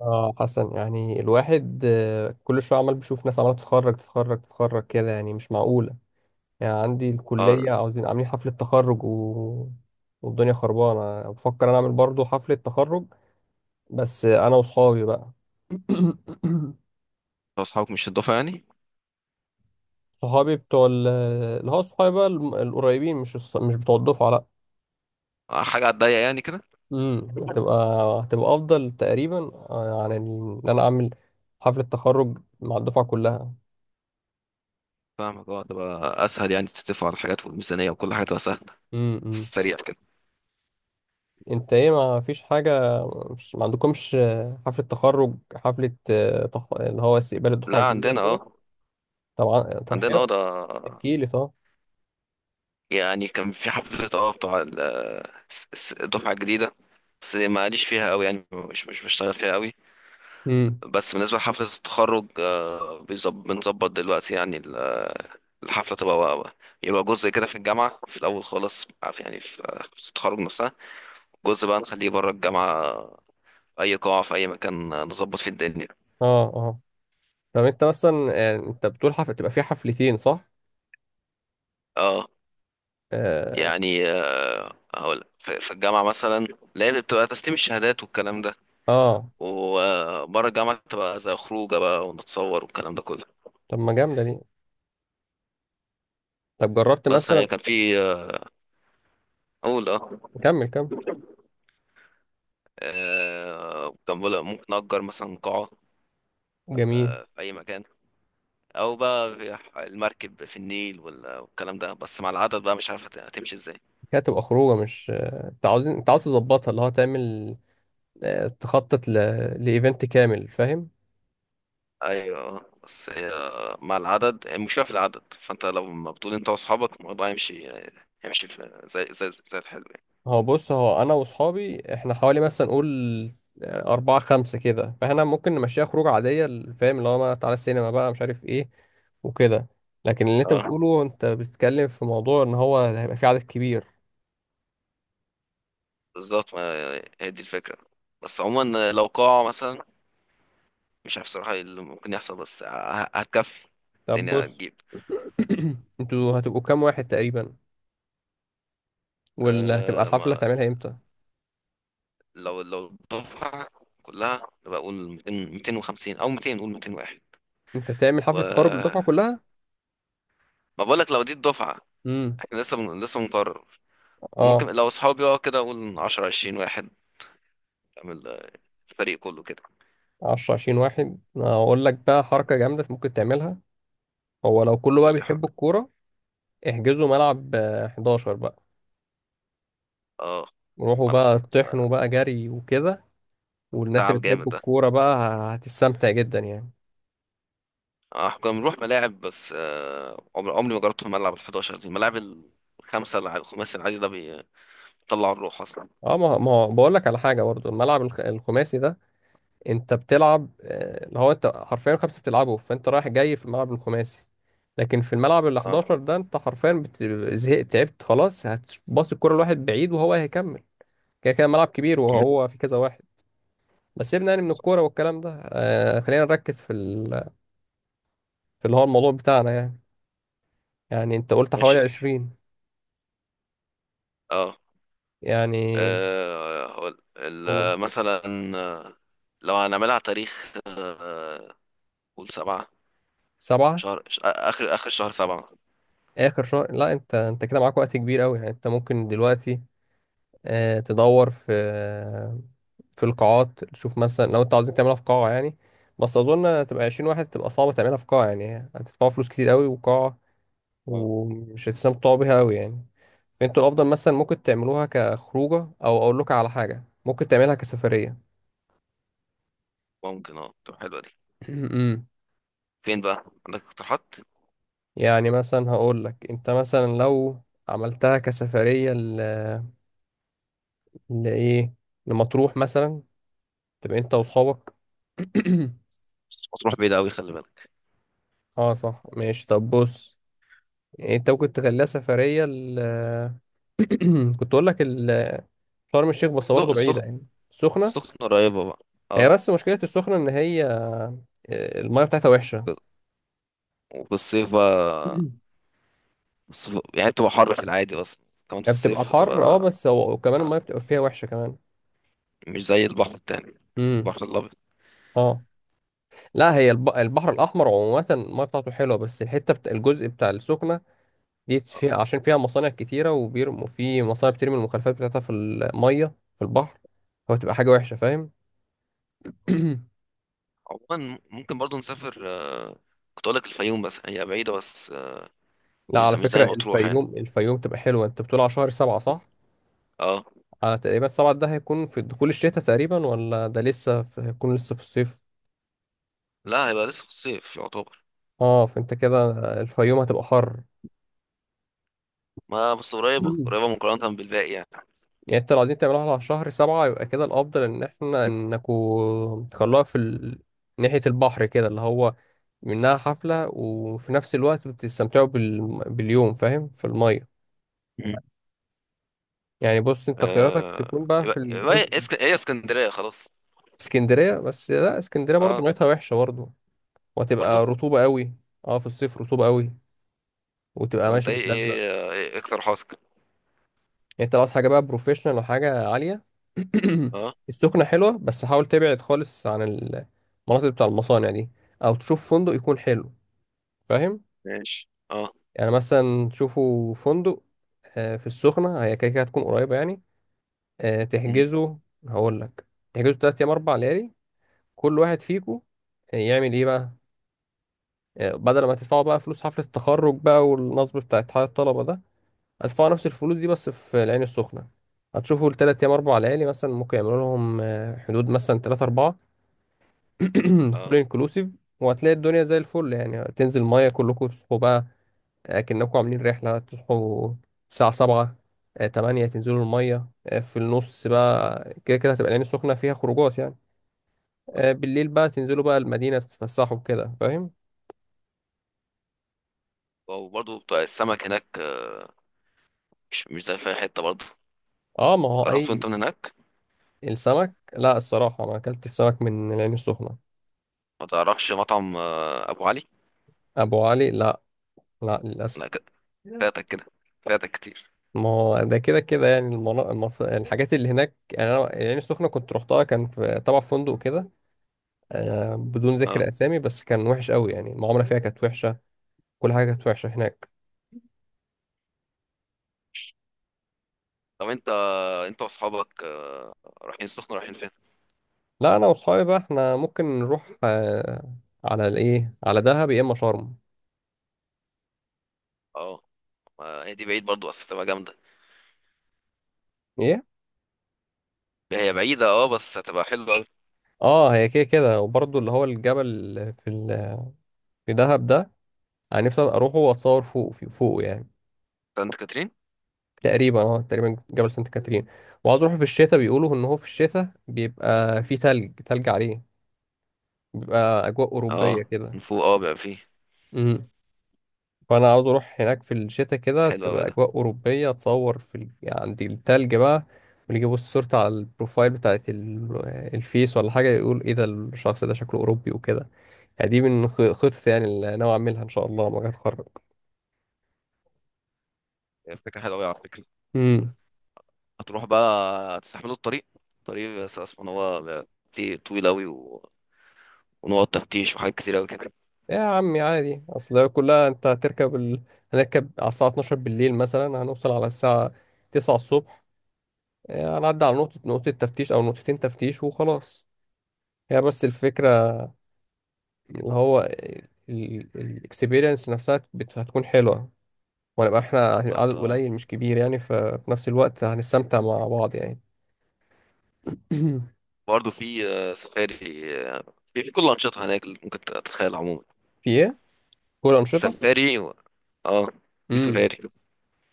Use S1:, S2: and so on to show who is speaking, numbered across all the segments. S1: اه، حسن، يعني الواحد، كل شويه عمال بيشوف ناس عماله تتخرج كده، يعني مش معقوله. يعني عندي
S2: اه
S1: الكليه
S2: انت
S1: عاوزين عاملين حفله تخرج والدنيا خربانه، بفكر انا اعمل برضو حفله تخرج، بس انا وصحابي بقى.
S2: واصحابك مش هتضافة يعني،
S1: صحابي اللي هو صحابي بقى القريبين، مش بتوع الدفعه، لا.
S2: حاجة على الضيق يعني كده.
S1: امم هتبقى هتبقى افضل تقريبا، ان انا اعمل حفله تخرج مع الدفعه كلها.
S2: فاهمك. اه، تبقى اسهل يعني، تتفق على الحاجات والميزانية وكل حاجة تبقى سهلة في
S1: امم
S2: السريع كده.
S1: انت ايه؟ ما فيش حاجة؟ مش ما عندكمش حفلة تخرج؟ اللي هو استقبال الدفعة
S2: لا
S1: الجديدة
S2: عندنا
S1: كده؟
S2: اه
S1: طبعا، طب
S2: عندنا اه
S1: حلو،
S2: ده.
S1: احكي لي طب.
S2: يعني كان في حفلة الدفعة الجديدة، بس ماليش فيها قوي يعني، مش بشتغل فيها قوي.
S1: امم
S2: بس بالنسبة لحفلة التخرج، بنظبط دلوقتي يعني الحفلة تبقى، يبقى جزء كده في الجامعة في الأول خالص، عارف يعني، في التخرج نفسها، جزء بقى نخليه بره الجامعة، اي قاعه في اي مكان، نظبط في الدنيا.
S1: اه، اه. طب انت مثلا، يعني انت بتقول حفلة تبقى فيها حفلتين؟ صح؟
S2: اه.
S1: اه،
S2: يعني هقول في الجامعه مثلا، لا هي بتبقى تسليم الشهادات والكلام ده،
S1: اه.
S2: وبره الجامعه تبقى زي خروجه بقى، ونتصور والكلام ده كله.
S1: طب ما جامدة دي، طب جربت
S2: بس
S1: مثلا؟
S2: هي كان في، اقول اه،
S1: كمل كمل.
S2: كان بقول ممكن نأجر مثلا قاعه،
S1: جميل.
S2: في اي مكان، او بقى في المركب في النيل والكلام ده، بس مع العدد بقى مش عارف هتمشي ازاي.
S1: كده تبقى خروجة، مش انت عاوز تظبطها، اللي هو تعمل، تخطط لإيفنت كامل؟ فاهم؟
S2: ايوه بس هي مع العدد، المشكله في العدد، فانت لو ما بتقول، انت واصحابك الموضوع يمشي، في زي الحلو يعني.
S1: هو بص، هو انا واصحابي احنا حوالي مثلا نقول، يعني اربعة خمسة كده، فاحنا ممكن نمشيها خروج عادية، فاهم؟ اللي هو ما تعالى السينما بقى، مش عارف ايه، وكده. لكن اللي انت
S2: اه،
S1: بتقوله، انت بتتكلم في موضوع ان هو هيبقى في عدد كبير.
S2: بالظبط، ما هي دي الفكره، بس عموما لو قاعه مثلا، مش عارف صراحه إيه اللي ممكن يحصل، بس هتكفي
S1: طب
S2: الدنيا،
S1: بص،
S2: هتجيب.
S1: انتوا هتبقوا كام واحد تقريبا؟ ولا هتبقى
S2: أه،
S1: الحفلة
S2: ما
S1: هتعملها امتى؟
S2: لو الدفعه كلها بقول 200 250 او 200 نقول 201.
S1: انت تعمل
S2: و
S1: حفلة تخرج للدفعة كلها؟
S2: ما بقولك لو دي الدفعه،
S1: امم
S2: احنا لسه بنقرر. وممكن
S1: اه.
S2: لو اصحابي بقى، كده اقول 10 20 واحد، تعمل، الفريق كله كده.
S1: 10 20 واحد؟ اقول لك بقى
S2: اه،
S1: حركة جامدة ممكن تعملها، هو لو كله بقى
S2: قول لي حاجه.
S1: بيحب الكورة، احجزوا ملعب 11 بقى،
S2: اه،
S1: روحوا
S2: ملعب.
S1: بقى طحنوا بقى جري وكده، والناس اللي
S2: تعب
S1: بتحب
S2: جامد ده.
S1: الكورة بقى هتستمتع جدا، يعني.
S2: اه، كنا بنروح ملاعب بس، آه، عمري عمري ما جربت في ملعب ال 11، دي الملاعب الخمسه، الخماسي العادي ده بيطلع الروح اصلا.
S1: اه، ما هو بقول لك على حاجة برضو، الملعب الخماسي ده انت بتلعب، اللي هو انت حرفيا خمسة بتلعبه، فانت رايح جاي في الملعب الخماسي، لكن في الملعب ال 11
S2: اه
S1: ده انت حرفيا زهقت تعبت خلاص، هتباص الكورة لواحد بعيد وهو هيكمل. كده كده ملعب كبير وهو في كذا واحد. بس سيبنا يعني من
S2: صح.
S1: الكورة والكلام ده، خلينا نركز في اللي هو الموضوع بتاعنا، يعني. يعني انت قلت حوالي
S2: ماشي
S1: 20،
S2: اه.
S1: يعني
S2: هقول
S1: قول
S2: مثلا، آه، لو هنعملها على تاريخ، قول سبعة،
S1: سبعة.
S2: آخر آخر شهر سبعة.
S1: آخر شهر؟ لا، أنت كده معاك وقت كبير أوي، يعني أنت ممكن دلوقتي تدور في القاعات، تشوف مثلا لو أنت عاوزين تعملها في قاعة، يعني بس أظن تبقى عشرين واحد تبقى صعبة تعملها في قاعة، يعني هتدفعوا فلوس كتير أوي وقاعة،
S2: اه،
S1: ومش هتستمتعوا بيها أوي، يعني. فأنتوا الأفضل مثلا ممكن تعملوها كخروجة، أو أقول لك على حاجة، ممكن تعملها كسفرية.
S2: ممكن اه، تبقى حلوة دي.
S1: أمم.
S2: فين بقى؟ عندك اقتراحات؟
S1: يعني مثلا هقول لك، أنت مثلا لو عملتها كسفرية لإيه، لمطروح مثلا، تبقى انت واصحابك.
S2: بس ما تروح بعيد أوي، خلي بالك.
S1: اه صح، ماشي طب بص، يعني انت ممكن تخليها سفرية كنت اقول لك شرم الشيخ، بس برضه بعيدة،
S2: السخ-
S1: يعني السخنة.
S2: سخن قريبة بقى.
S1: هي
S2: اه.
S1: بس مشكلة السخنة ان هي المية بتاعتها وحشة.
S2: وفي الصيف بقى الصيف يعني تبقى حر في العادي اصلا، كمان في
S1: هي بتبقى
S2: الصيف
S1: الحر، اه،
S2: هتبقى،
S1: بس هو وكمان
S2: آه،
S1: المية بتبقى فيها وحشة كمان.
S2: مش زي البحر التاني،
S1: امم
S2: البحر الابيض.
S1: اه. لا، هي البحر الأحمر عموما المية بتاعته حلوة، بس الحتة الجزء بتاع السخنة دي
S2: آه.
S1: فيها، عشان فيها مصانع كتيرة وبيرموا في، مصانع بترمي المخلفات بتاعتها في المية، في البحر، فبتبقى حاجة وحشة، فاهم.
S2: عموما ممكن برضو نسافر، كنت اقول لك الفيوم بس هي بعيدة، بس،
S1: لا،
S2: مش
S1: على
S2: زي مش
S1: فكرة
S2: زي مطروح يعني.
S1: الفيوم تبقى حلوة، انت بتقول على شهر سبعة صح؟
S2: اه،
S1: على تقريبا سبعة ده هيكون في دخول الشتاء تقريبا، ولا ده لسه في، هيكون لسه في الصيف؟
S2: لا هيبقى لسه في الصيف يعتبر.
S1: اه، فانت كده الفيوم هتبقى حر.
S2: ما بس قريبة قريبة مقارنة بالباقي يعني.
S1: يعني انت لو عايزين تعملوها على شهر سبعة، يبقى كده الأفضل إن احنا إنكوا تخلوها ناحية البحر كده، اللي هو منها حفلة وفي نفس الوقت بتستمتعوا باليوم، فاهم، في المية.
S2: مم.
S1: يعني بص، انت اختياراتك تكون بقى في
S2: يبقى
S1: الجزء،
S2: هي اسكندرية خلاص.
S1: اسكندرية. بس لا، اسكندرية برضو
S2: اه،
S1: ميتها وحشة برضو،
S2: برضو.
S1: وهتبقى رطوبة قوي، اه في الصيف رطوبة قوي، وتبقى
S2: طب انت
S1: ماشي
S2: ايه
S1: بتلزق.
S2: ايه, آه، إيه اقتراحاتك؟
S1: يعني انت لو عايز حاجه بقى بروفيشنال، او حاجه عاليه،
S2: اه،
S1: السخنه حلوه، بس حاول تبعد خالص عن المناطق بتاع المصانع دي، او تشوف فندق يكون حلو، فاهم؟
S2: ماشي اه.
S1: يعني مثلا تشوفوا فندق في السخنه، هي كده كده هتكون قريبه، يعني آه،
S2: مم.
S1: تحجزوا هقول لك تحجزوا 3 ايام 4 ليالي، كل واحد فيكم يعمل ايه بقى. بدل ما تدفعوا بقى فلوس حفله التخرج بقى، والنصب بتاع اتحاد الطلبه ده، هتدفعوا نفس الفلوس دي بس في العين السخنة، هتشوفوا التلات أيام أربع ليالي، مثلا ممكن يعملوا لهم حدود مثلا تلاتة أربعة، فول
S2: اه
S1: انكلوسيف، وهتلاقي الدنيا زي الفل، يعني تنزل مية كلكم، تصحوا بقى أكنكم عاملين رحلة، تصحوا الساعة 7 8، تنزلوا المية في النص بقى. كده كده هتبقى العين السخنة فيها خروجات، يعني
S2: اه.
S1: بالليل بقى تنزلوا بقى المدينة، تتفسحوا كده، فاهم.
S2: وبرضه بتاع السمك هناك، مش زي في أي حتة برضه.
S1: اه، ما هو
S2: جربته
S1: أي.
S2: انت من هناك؟
S1: السمك؟ لا، الصراحة ما أكلتش سمك من العين السخنة.
S2: ما تعرفش مطعم، ابو علي؟
S1: أبو علي؟ لا، لا للأسف.
S2: لا فاتك كده، فاتك كتير.
S1: ما هو ده كده كده، يعني الحاجات اللي هناك، يعني انا العين السخنه كنت رحتها، كان في طبعا في فندق كده، بدون
S2: اه،
S1: ذكر اسامي، بس كان وحش قوي، يعني المعامله فيها كانت وحشه، كل حاجه كانت وحشه هناك.
S2: طب انت واصحابك، رايحين فين؟
S1: لا، انا واصحابي بقى احنا ممكن نروح، على الايه، على دهب، يا اما شرم.
S2: اه، ما هي دي بعيد برضه بس هتبقى جامدة.
S1: ايه؟
S2: هي بعيدة اه، بس هتبقى حلوة أوي.
S1: اه. هي كده كده، وبرضه اللي هو الجبل في ال... في دهب ده، انا نفسي اروحه واتصور فوقه، يعني.
S2: سانت كاترين.
S1: تقريبا جبل سانت كاترين، وعاوز اروح في الشتاء، بيقولوا ان هو في الشتاء بيبقى في تلج عليه، بيبقى اجواء اوروبيه
S2: اه، من
S1: كده.
S2: فوق اه بقى فيه.
S1: امم فانا عاوز اروح هناك في الشتاء، كده
S2: حلو أوي
S1: تبقى
S2: ده.
S1: اجواء اوروبيه، اتصور عند التلج بقى. واللي يبص صورتي على البروفايل بتاعت الفيس ولا حاجه، يقول ايه ده، الشخص ده شكله اوروبي وكده. يعني دي من خطط، يعني اللي ناوي اعملها ان شاء الله لما اجي اتخرج.
S2: هي فكرة حلوة أوي على فكرة.
S1: امم
S2: هتروح بقى؟ هتستحملوا الطريق؟ الطريق بس أصلا هو بيبقى طويل أوي، و... ونقط تفتيش وحاجات كتير أوي كده.
S1: يا عمي عادي، اصل هي كلها، هنركب على الساعة 12 بالليل مثلا، هنوصل على الساعة 9 الصبح. هنعدي على نقطة تفتيش او نقطتين تفتيش وخلاص. هي بس الفكرة اللي هو الاكسبيرينس نفسها هتكون حلوة، ونبقى احنا
S2: بالظبط
S1: عدد
S2: اه.
S1: قليل مش كبير، يعني ففي نفس الوقت هنستمتع مع بعض، يعني.
S2: برضه في، سفاري، آه، في كل الأنشطة هناك اللي ممكن تتخيل عموما.
S1: في ايه؟ كل أنشطة؟
S2: سفاري. و... اه، في
S1: امم
S2: سفاري.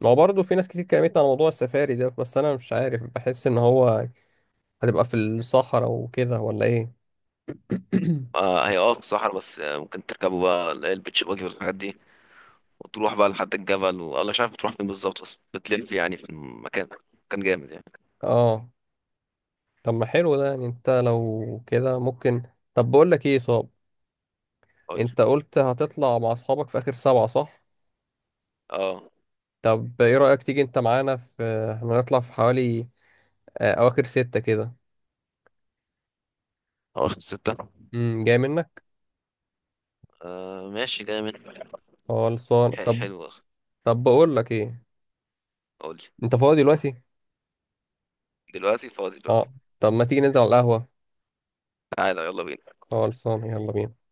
S1: ما هو برضه في ناس كتير كلمتني على موضوع السفاري ده، بس انا مش عارف، بحس ان هو هتبقى في الصحراء وكده، ولا ايه؟
S2: آه، هي اه في الصحراء، بس، ممكن تركبوا بقى، اللي هي البيتش باجي والحاجات دي، وتروح بقى لحد الجبل، والله مش عارف بتروح فين بالظبط، بس بتلف يعني في المكان. كان جامد يعني.
S1: اه، طب ما حلو ده، يعني انت لو كده ممكن، طب بقول لك ايه صاب.
S2: قول لي.
S1: انت قلت هتطلع مع اصحابك في اخر سبعة صح؟
S2: اه.
S1: طب ايه رأيك تيجي انت معانا؟ في احنا هنطلع في حوالي اواخر ستة كده.
S2: اه، ستة.
S1: جاي منك؟
S2: آه ماشي جامد.
S1: خلصان طب.
S2: حلوة.
S1: طب بقول لك ايه،
S2: قول لي.
S1: انت فاضي دلوقتي؟
S2: دلوقتي؟ فاضي دلوقتي.
S1: اه، طب ما تيجي ننزل على القهوة.
S2: تعالى يلا بينا.
S1: خلصان، يلا بينا.